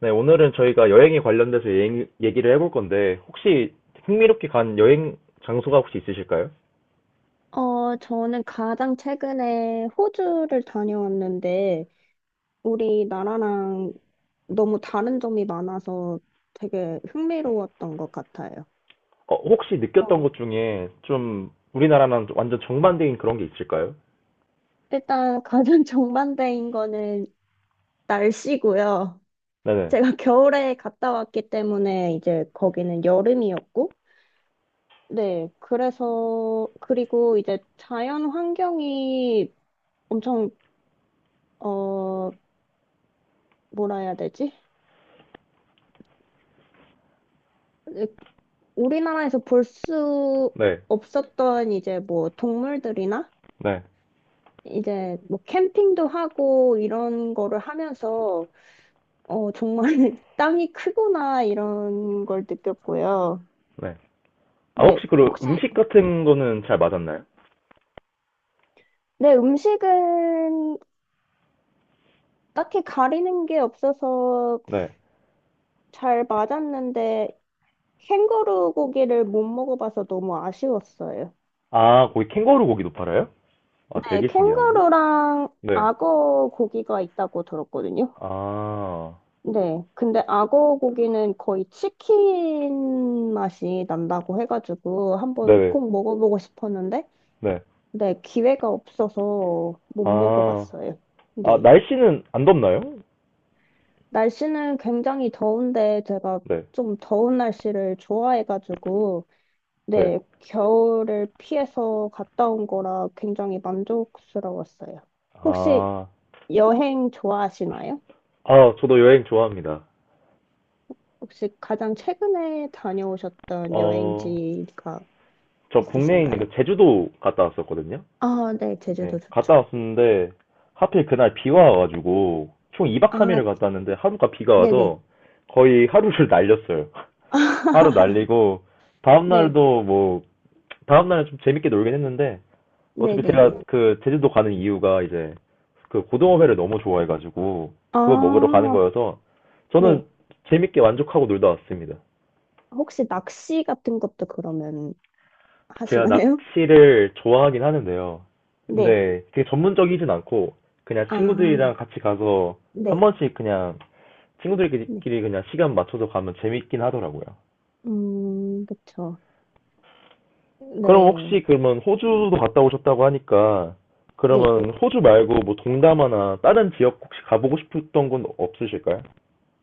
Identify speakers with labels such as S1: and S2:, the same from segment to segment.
S1: 네, 오늘은 저희가 여행에 관련돼서 여행 얘기를 해볼 건데, 혹시 흥미롭게 간 여행 장소가 혹시 있으실까요?
S2: 저는 가장 최근에 호주를 다녀왔는데, 우리나라랑 너무 다른 점이 많아서 되게 흥미로웠던 것 같아요.
S1: 혹시 느꼈던
S2: 어,
S1: 것 중에 좀 우리나라랑 좀 완전 정반대인 그런 게 있을까요?
S2: 일단 가장 정반대인 거는 날씨고요.
S1: 네네,
S2: 제가 겨울에 갔다 왔기 때문에 이제 거기는 여름이었고, 네, 그래서, 그리고 이제 자연 환경이 엄청, 어, 뭐라 해야 되지? 우리나라에서 볼 수
S1: 네,
S2: 없었던 이제 뭐 동물들이나
S1: 네,
S2: 이제 뭐 캠핑도 하고 이런 거를 하면서 정말 땅이 크구나 이런 걸 느꼈고요.
S1: 네. 아,
S2: 네,
S1: 혹시 그
S2: 혹시
S1: 음식 같은 거는 잘 맞았나요?
S2: 내 음식은 딱히 가리는 게 없어서
S1: 네.
S2: 잘 맞았는데 캥거루 고기를 못 먹어봐서 너무 아쉬웠어요.
S1: 아, 거기 캥거루 고기도 팔아요? 아,
S2: 네,
S1: 되게 신기하네.
S2: 캥거루랑
S1: 네.
S2: 악어 고기가 있다고 들었거든요.
S1: 아,
S2: 네. 근데 악어 고기는 거의 치킨 맛이 난다고 해가지고 한번
S1: 네네,
S2: 꼭 먹어보고 싶었는데,
S1: 네.
S2: 네, 기회가 없어서 못
S1: 아,
S2: 먹어봤어요.
S1: 아,
S2: 네.
S1: 날씨는 안 덥나요?
S2: 날씨는 굉장히 더운데 제가
S1: 네,
S2: 좀 더운 날씨를 좋아해가지고,
S1: 네.
S2: 네, 겨울을 피해서 갔다 온 거라 굉장히 만족스러웠어요. 혹시
S1: 아,
S2: 여행 좋아하시나요?
S1: 아, 저도 여행 좋아합니다.
S2: 혹시 가장 최근에 다녀오셨던
S1: 어,
S2: 여행지가
S1: 저 국내에 있는
S2: 있으신가요?
S1: 그 제주도 갔다 왔었거든요.
S2: 아, 네,
S1: 네,
S2: 제주도
S1: 갔다
S2: 좋죠.
S1: 왔었는데 하필 그날 비가 와가지고 총 2박
S2: 아,
S1: 3일을 갔다 왔는데 하루가 비가
S2: 네네.
S1: 와서 거의 하루를 날렸어요. 하루 날리고 다음
S2: 네,
S1: 날도 뭐 다음 날은 좀 재밌게 놀긴 했는데 어차피
S2: 네네네.
S1: 제가 그 제주도 가는 이유가 이제 그 고등어회를 너무 좋아해가지고 그거 먹으러 가는
S2: 아,
S1: 거여서 저는
S2: 네.
S1: 재밌게 만족하고 놀다 왔습니다.
S2: 혹시 낚시 같은 것도 그러면
S1: 제가
S2: 하시나요?
S1: 낚시를 좋아하긴 하는데요.
S2: 네.
S1: 근데 되게 전문적이진 않고 그냥 친구들이랑
S2: 아,
S1: 같이 가서 한
S2: 네.
S1: 번씩 그냥
S2: 네.
S1: 친구들끼리 그냥 시간 맞춰서 가면 재밌긴 하더라고요.
S2: 그쵸.
S1: 그럼
S2: 네.
S1: 혹시 그러면 호주도 갔다 오셨다고 하니까
S2: 네.
S1: 그러면 호주 말고 뭐 동남아나 다른 지역 혹시 가보고 싶었던 곳 없으실까요?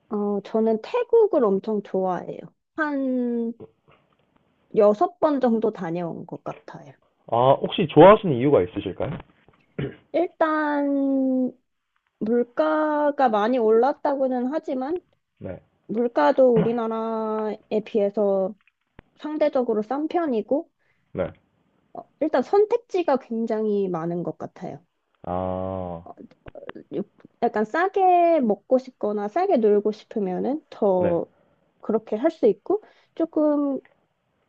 S2: 저는 태국을 엄청 좋아해요. 한 여섯 번 정도 다녀온 것 같아요.
S1: 아, 혹시 좋아하시는 이유가 있으실까요?
S2: 일단, 물가가 많이 올랐다고는 하지만,
S1: 네,
S2: 물가도 우리나라에 비해서 상대적으로 싼 편이고,
S1: 네.
S2: 일단 선택지가 굉장히 많은 것 같아요.
S1: 아,
S2: 어, 요- 약간 싸게 먹고 싶거나 싸게 놀고 싶으면은
S1: 네,
S2: 더 그렇게 할 수 있고, 조금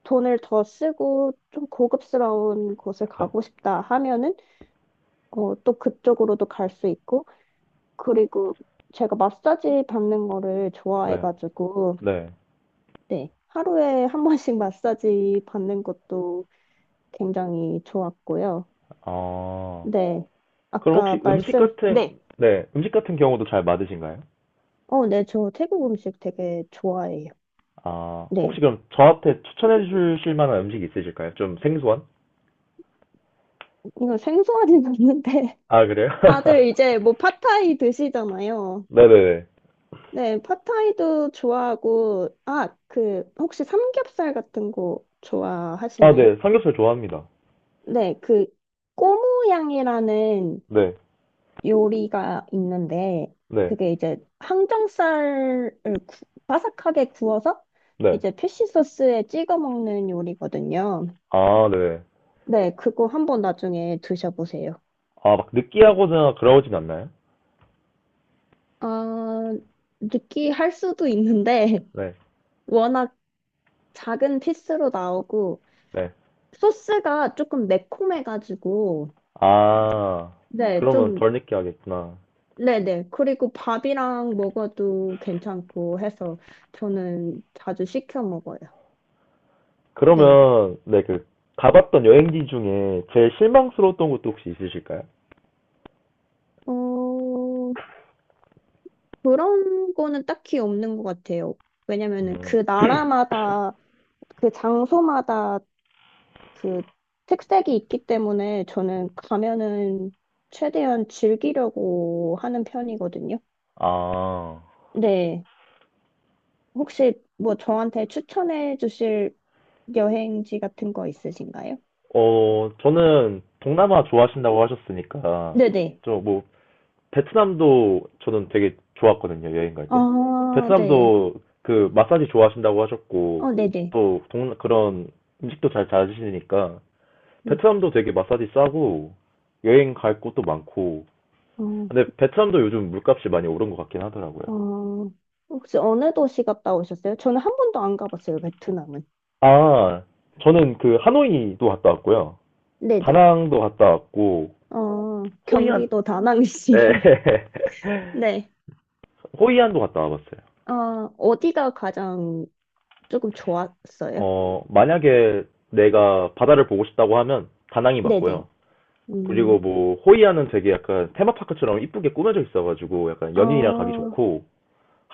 S2: 돈을 더 쓰고 좀 고급스러운 곳을
S1: 네,
S2: 가고 싶다 하면은 또 그쪽으로도 갈 수 있고, 그리고 제가 마사지 받는 거를
S1: 네,
S2: 좋아해가지고,
S1: 네.
S2: 네. 하루에 한 번씩 마사지 받는 것도 굉장히 좋았고요.
S1: 아.
S2: 네.
S1: 그럼
S2: 아까
S1: 혹시
S2: 말씀, 네.
S1: 네, 음식 같은 경우도 잘 맞으신가요?
S2: 네. 저 태국 음식 되게 좋아해요.
S1: 아,
S2: 네.
S1: 혹시 그럼 저한테 추천해 주실 만한 음식 있으실까요? 좀 생소한?
S2: 이거 생소하진 않는데.
S1: 아, 그래요?
S2: 다들 이제 뭐 팟타이 드시잖아요.
S1: 네네네.
S2: 네. 팟타이도 좋아하고, 아, 그, 혹시 삼겹살 같은 거
S1: 아,
S2: 좋아하시나요?
S1: 네. 삼겹살 좋아합니다.
S2: 네. 그, 꼬무양이라는
S1: 네,
S2: 요리가 있는데
S1: 네,
S2: 그게 이제 항정살을 바삭하게 구워서
S1: 네.
S2: 이제 피쉬 소스에 찍어 먹는 요리거든요.
S1: 아, 네.
S2: 네, 그거 한번 나중에 드셔보세요.
S1: 아, 막 느끼하거나 그러진 않나요?
S2: 아, 느끼할 수도 있는데
S1: 네,
S2: 워낙 작은 피스로 나오고
S1: 네.
S2: 소스가 조금 매콤해가지고
S1: 아,
S2: 네,
S1: 그러면
S2: 좀
S1: 덜 느끼하겠구나.
S2: 네네. 그리고 밥이랑 먹어도 괜찮고 해서 저는 자주 시켜 먹어요. 네.
S1: 그러면, 네, 가봤던 여행지 중에 제일 실망스러웠던 곳도 혹시 있으실까요?
S2: 어, 그런 거는 딱히 없는 것 같아요. 왜냐면은
S1: 음,
S2: 그 나라마다, 그 장소마다 그 특색이 있기 때문에 저는 가면은 최대한 즐기려고 하는 편이거든요.
S1: 아.
S2: 네. 혹시 뭐 저한테 추천해 주실 여행지 같은 거 있으신가요?
S1: 저는 동남아 좋아하신다고 하셨으니까,
S2: 네네.
S1: 저 뭐, 베트남도 저는 되게 좋았거든요, 여행 갈 때.
S2: 아, 네.
S1: 베트남도 그 마사지 좋아하신다고 하셨고,
S2: 네네.
S1: 또 그런 음식도 잘잘으시니까
S2: 네.
S1: 베트남도 되게 마사지 싸고, 여행 갈 곳도 많고,
S2: 어,
S1: 근데 베트남도 요즘 물값이 많이 오른 것 같긴 하더라고요.
S2: 어, 혹시 어느 도시 갔다 오셨어요? 저는 한 번도 안 가봤어요, 베트남은.
S1: 아, 저는 그 하노이도 갔다 왔고요.
S2: 네네.
S1: 다낭도 갔다 왔고, 호이안,
S2: 경기도
S1: 네.
S2: 다낭시. 네.
S1: 호이안도 갔다 와봤어요.
S2: 어, 어디가 가장 조금 좋았어요?
S1: 만약에 내가 바다를 보고 싶다고 하면 다낭이
S2: 네네.
S1: 맞고요. 그리고
S2: 음,
S1: 뭐 호이안은 되게 약간 테마파크처럼 이쁘게 꾸며져 있어가지고 약간 연인이랑 가기
S2: 어,
S1: 좋고,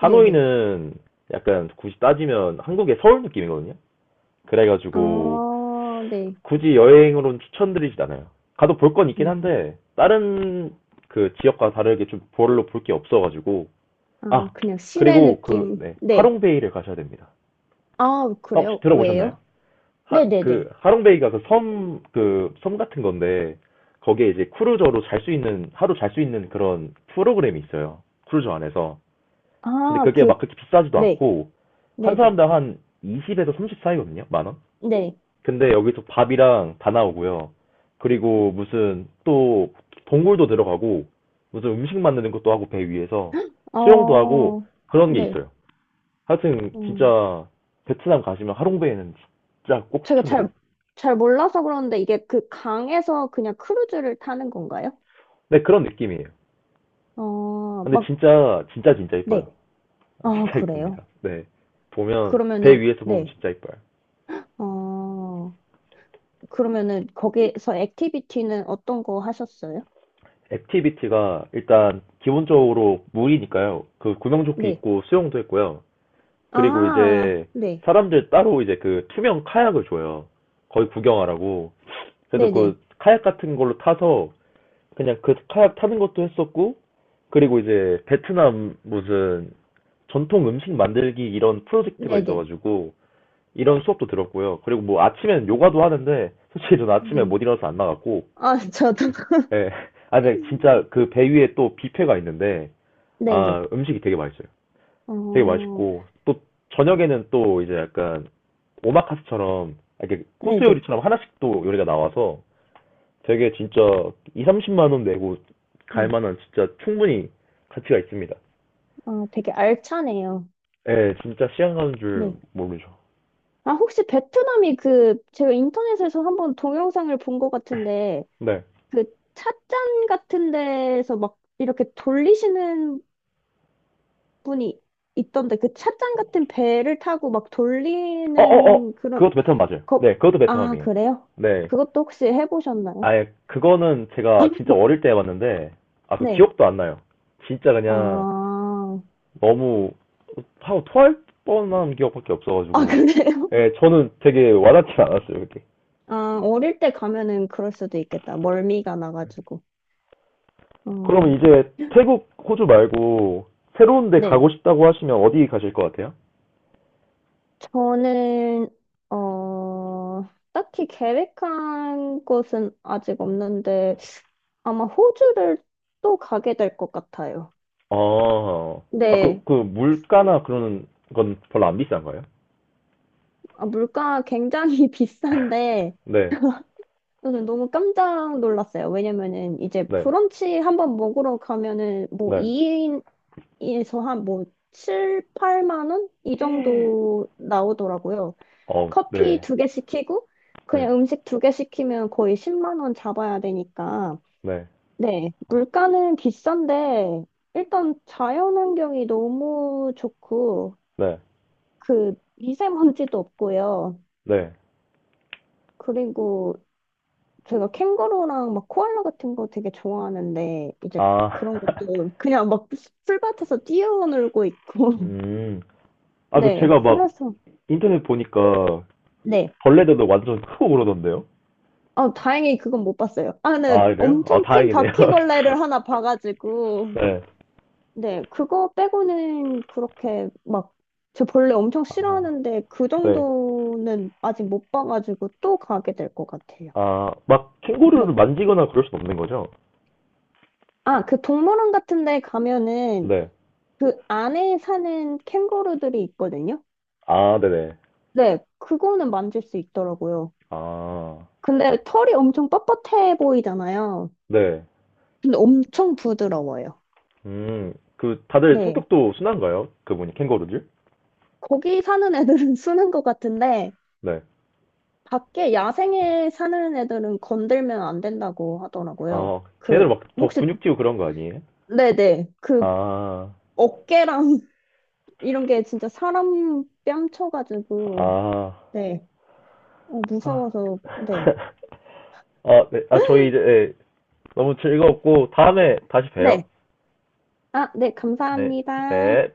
S2: 네네.
S1: 약간 굳이 따지면 한국의 서울 느낌이거든요. 그래가지고
S2: 네.
S1: 굳이 여행으로는 추천드리진 않아요. 가도 볼 건 있긴
S2: 음,
S1: 한데 다른 그 지역과 다르게 좀 별로 볼 게 없어가지고,
S2: 아,
S1: 아,
S2: 그냥 시내
S1: 그리고
S2: 느낌.
S1: 네,
S2: 네.
S1: 하롱베이를 가셔야 됩니다.
S2: 아,
S1: 아, 혹시
S2: 그래요?
S1: 들어보셨나요?
S2: 왜요?
S1: 그
S2: 네네네.
S1: 하롱베이가 그 섬 같은 건데 거기에 이제 크루저로 잘 수 있는 하루 잘 수 있는 그런 프로그램이 있어요. 크루저 안에서. 근데
S2: 아,
S1: 그게
S2: 그,
S1: 막 그렇게 비싸지도
S2: 네.
S1: 않고 한
S2: 네네.
S1: 사람당 한 20에서 30 사이거든요. 만 원.
S2: 네.
S1: 근데 여기서 밥이랑 다 나오고요. 그리고 무슨 또 동굴도 들어가고 무슨 음식 만드는 것도 하고 배 위에서 수영도 하고
S2: 어,
S1: 그런 게
S2: 네.
S1: 있어요. 하여튼
S2: 어
S1: 진짜 베트남 가시면 하롱베이는 진짜 꼭
S2: 제가 잘,
S1: 추천드립니다.
S2: 잘 몰라서 그러는데 이게 그 강에서 그냥 크루즈를 타는 건가요?
S1: 네, 그런 느낌이에요. 근데
S2: 막
S1: 진짜, 진짜, 진짜 이뻐요.
S2: 네. 아,
S1: 진짜
S2: 그래요?
S1: 이쁩니다. 네. 배
S2: 그러면은,
S1: 위에서 보면
S2: 네.
S1: 진짜 이뻐요.
S2: 어, 그러면은 거기서 액티비티는 어떤 거 하셨어요?
S1: 액티비티가 일단 기본적으로 물이니까요. 그 구명조끼
S2: 네.
S1: 입고 수영도 했고요. 그리고
S2: 아,
S1: 이제
S2: 네.
S1: 사람들 따로 이제 그 투명 카약을 줘요. 거의 구경하라고. 그래서
S2: 네네.
S1: 그 카약 같은 걸로 타서 그냥 그 카약 타는 것도 했었고, 그리고 이제 베트남 무슨 전통 음식 만들기 이런 프로젝트가
S2: 네네.
S1: 있어가지고 이런 수업도 들었고요. 그리고 뭐 아침엔 요가도 하는데 솔직히 저는 아침에
S2: 네.
S1: 못 일어나서 안 나갔고.
S2: 아, 저도.
S1: 예. 아, 근데 진짜 그 배 위에 또 뷔페가 있는데,
S2: 네네.
S1: 아, 음식이 되게 맛있어요. 되게
S2: 어,
S1: 맛있고 또 저녁에는 또 이제 약간 오마카스처럼 이렇게 코스
S2: 네네.
S1: 요리처럼 하나씩 또 요리가 나와서 되게 진짜 2, 30만 원 내고 갈
S2: 음,
S1: 만한 진짜 충분히 가치가 있습니다.
S2: 아, 되게 알차네요.
S1: 예, 진짜 시간 가는 줄
S2: 네.
S1: 모르죠.
S2: 아, 혹시 베트남이 그, 제가 인터넷에서 한번 동영상을 본 것 같은데,
S1: 네.
S2: 그 찻잔 같은 데서 막 이렇게 돌리시는 분이 있던데 그 찻잔 같은 배를 타고 막
S1: 어, 어, 어.
S2: 돌리는 그런
S1: 그것도 베트남 맞아요. 네,
S2: 거...
S1: 그것도
S2: 아,
S1: 베트남이에요.
S2: 그래요?
S1: 네.
S2: 그것도 혹시 해보셨나요?
S1: 아예 그거는 제가 진짜 어릴 때 봤는데 아, 그
S2: 네.
S1: 기억도 안 나요. 진짜 그냥
S2: 아,
S1: 너무 하고 토할 뻔한 기억밖에
S2: 아,
S1: 없어가지고,
S2: 그래요?
S1: 예, 저는 되게 와닿진 않았어요, 그게.
S2: 아, 어릴 때 가면은 그럴 수도 있겠다. 멀미가 나가지고. 어,
S1: 그럼 이제 태국 호주 말고 새로운 데
S2: 네.
S1: 가고 싶다고 하시면 어디 가실 것 같아요?
S2: 저는, 어, 딱히 계획한 곳은 아직 없는데, 아마 호주를 또 가게 될 것 같아요.
S1: 아, 아,
S2: 네.
S1: 물가나 그런 건 별로 안 비싼 거예요?
S2: 아, 물가 굉장히 비싼데,
S1: 네,
S2: 저는 너무 깜짝 놀랐어요. 왜냐면은 이제
S1: 네,
S2: 브런치 한번 먹으러 가면은 뭐
S1: 네,
S2: 2인에서 한 뭐 7, 8만 원? 이 정도 나오더라고요.
S1: 어,
S2: 커피
S1: 네,
S2: 두 개 시키고,
S1: 네,
S2: 그냥 음식 두 개 시키면 거의 10만 원 잡아야 되니까.
S1: 네,
S2: 네,
S1: 어,
S2: 물가는 비싼데, 일단 자연환경이 너무 좋고,
S1: 네,
S2: 그 미세먼지도 없고요.
S1: 네.
S2: 그리고 제가 캥거루랑 막 코알라 같은 거 되게 좋아하는데 이제
S1: 아,
S2: 그런 것도 그냥 막 풀밭에서 뛰어놀고 있고
S1: 음, 아,
S2: 네
S1: 제가 막
S2: 그래서
S1: 인터넷 보니까
S2: 네
S1: 벌레들도 완전 크고 그러던데요?
S2: 아, 다행히 그건 못 봤어요. 아, 근데
S1: 아, 그래요? 아,
S2: 엄청 큰
S1: 다행이네요.
S2: 바퀴벌레를 하나 봐가지고
S1: 네.
S2: 네 그거 빼고는 그렇게 막 저 벌레 엄청
S1: 아,
S2: 싫어하는데 그
S1: 네.
S2: 정도는 아직 못 봐가지고 또 가게 될 것 같아요.
S1: 아, 막 캥거루를
S2: 네.
S1: 만지거나 그럴 순 없는 거죠?
S2: 아, 그 동물원 같은 데 가면은
S1: 네.
S2: 그 안에 사는 캥거루들이 있거든요.
S1: 아, 네네.
S2: 네, 그거는 만질 수 있더라고요.
S1: 아,
S2: 근데 털이 엄청 뻣뻣해 보이잖아요.
S1: 네.
S2: 근데 엄청 부드러워요.
S1: 그 다들
S2: 네.
S1: 성격도 순한가요? 그분이 캥거루들?
S2: 거기 사는 애들은 쓰는 것 같은데,
S1: 네.
S2: 밖에 야생에 사는 애들은 건들면 안 된다고 하더라고요.
S1: 아, 걔네들
S2: 그,
S1: 막 더
S2: 혹시,
S1: 근육지고 그런 거 아니에요?
S2: 네네. 그,
S1: 아,
S2: 어깨랑 이런 게 진짜 사람 뺨쳐가지고,
S1: 아,
S2: 네.
S1: 아,
S2: 무서워서, 네.
S1: 아, 네. 아, 저희 이제 네. 너무 즐거웠고 다음에 다시 봬요.
S2: 네. 아, 네.
S1: 네,
S2: 감사합니다.
S1: 네.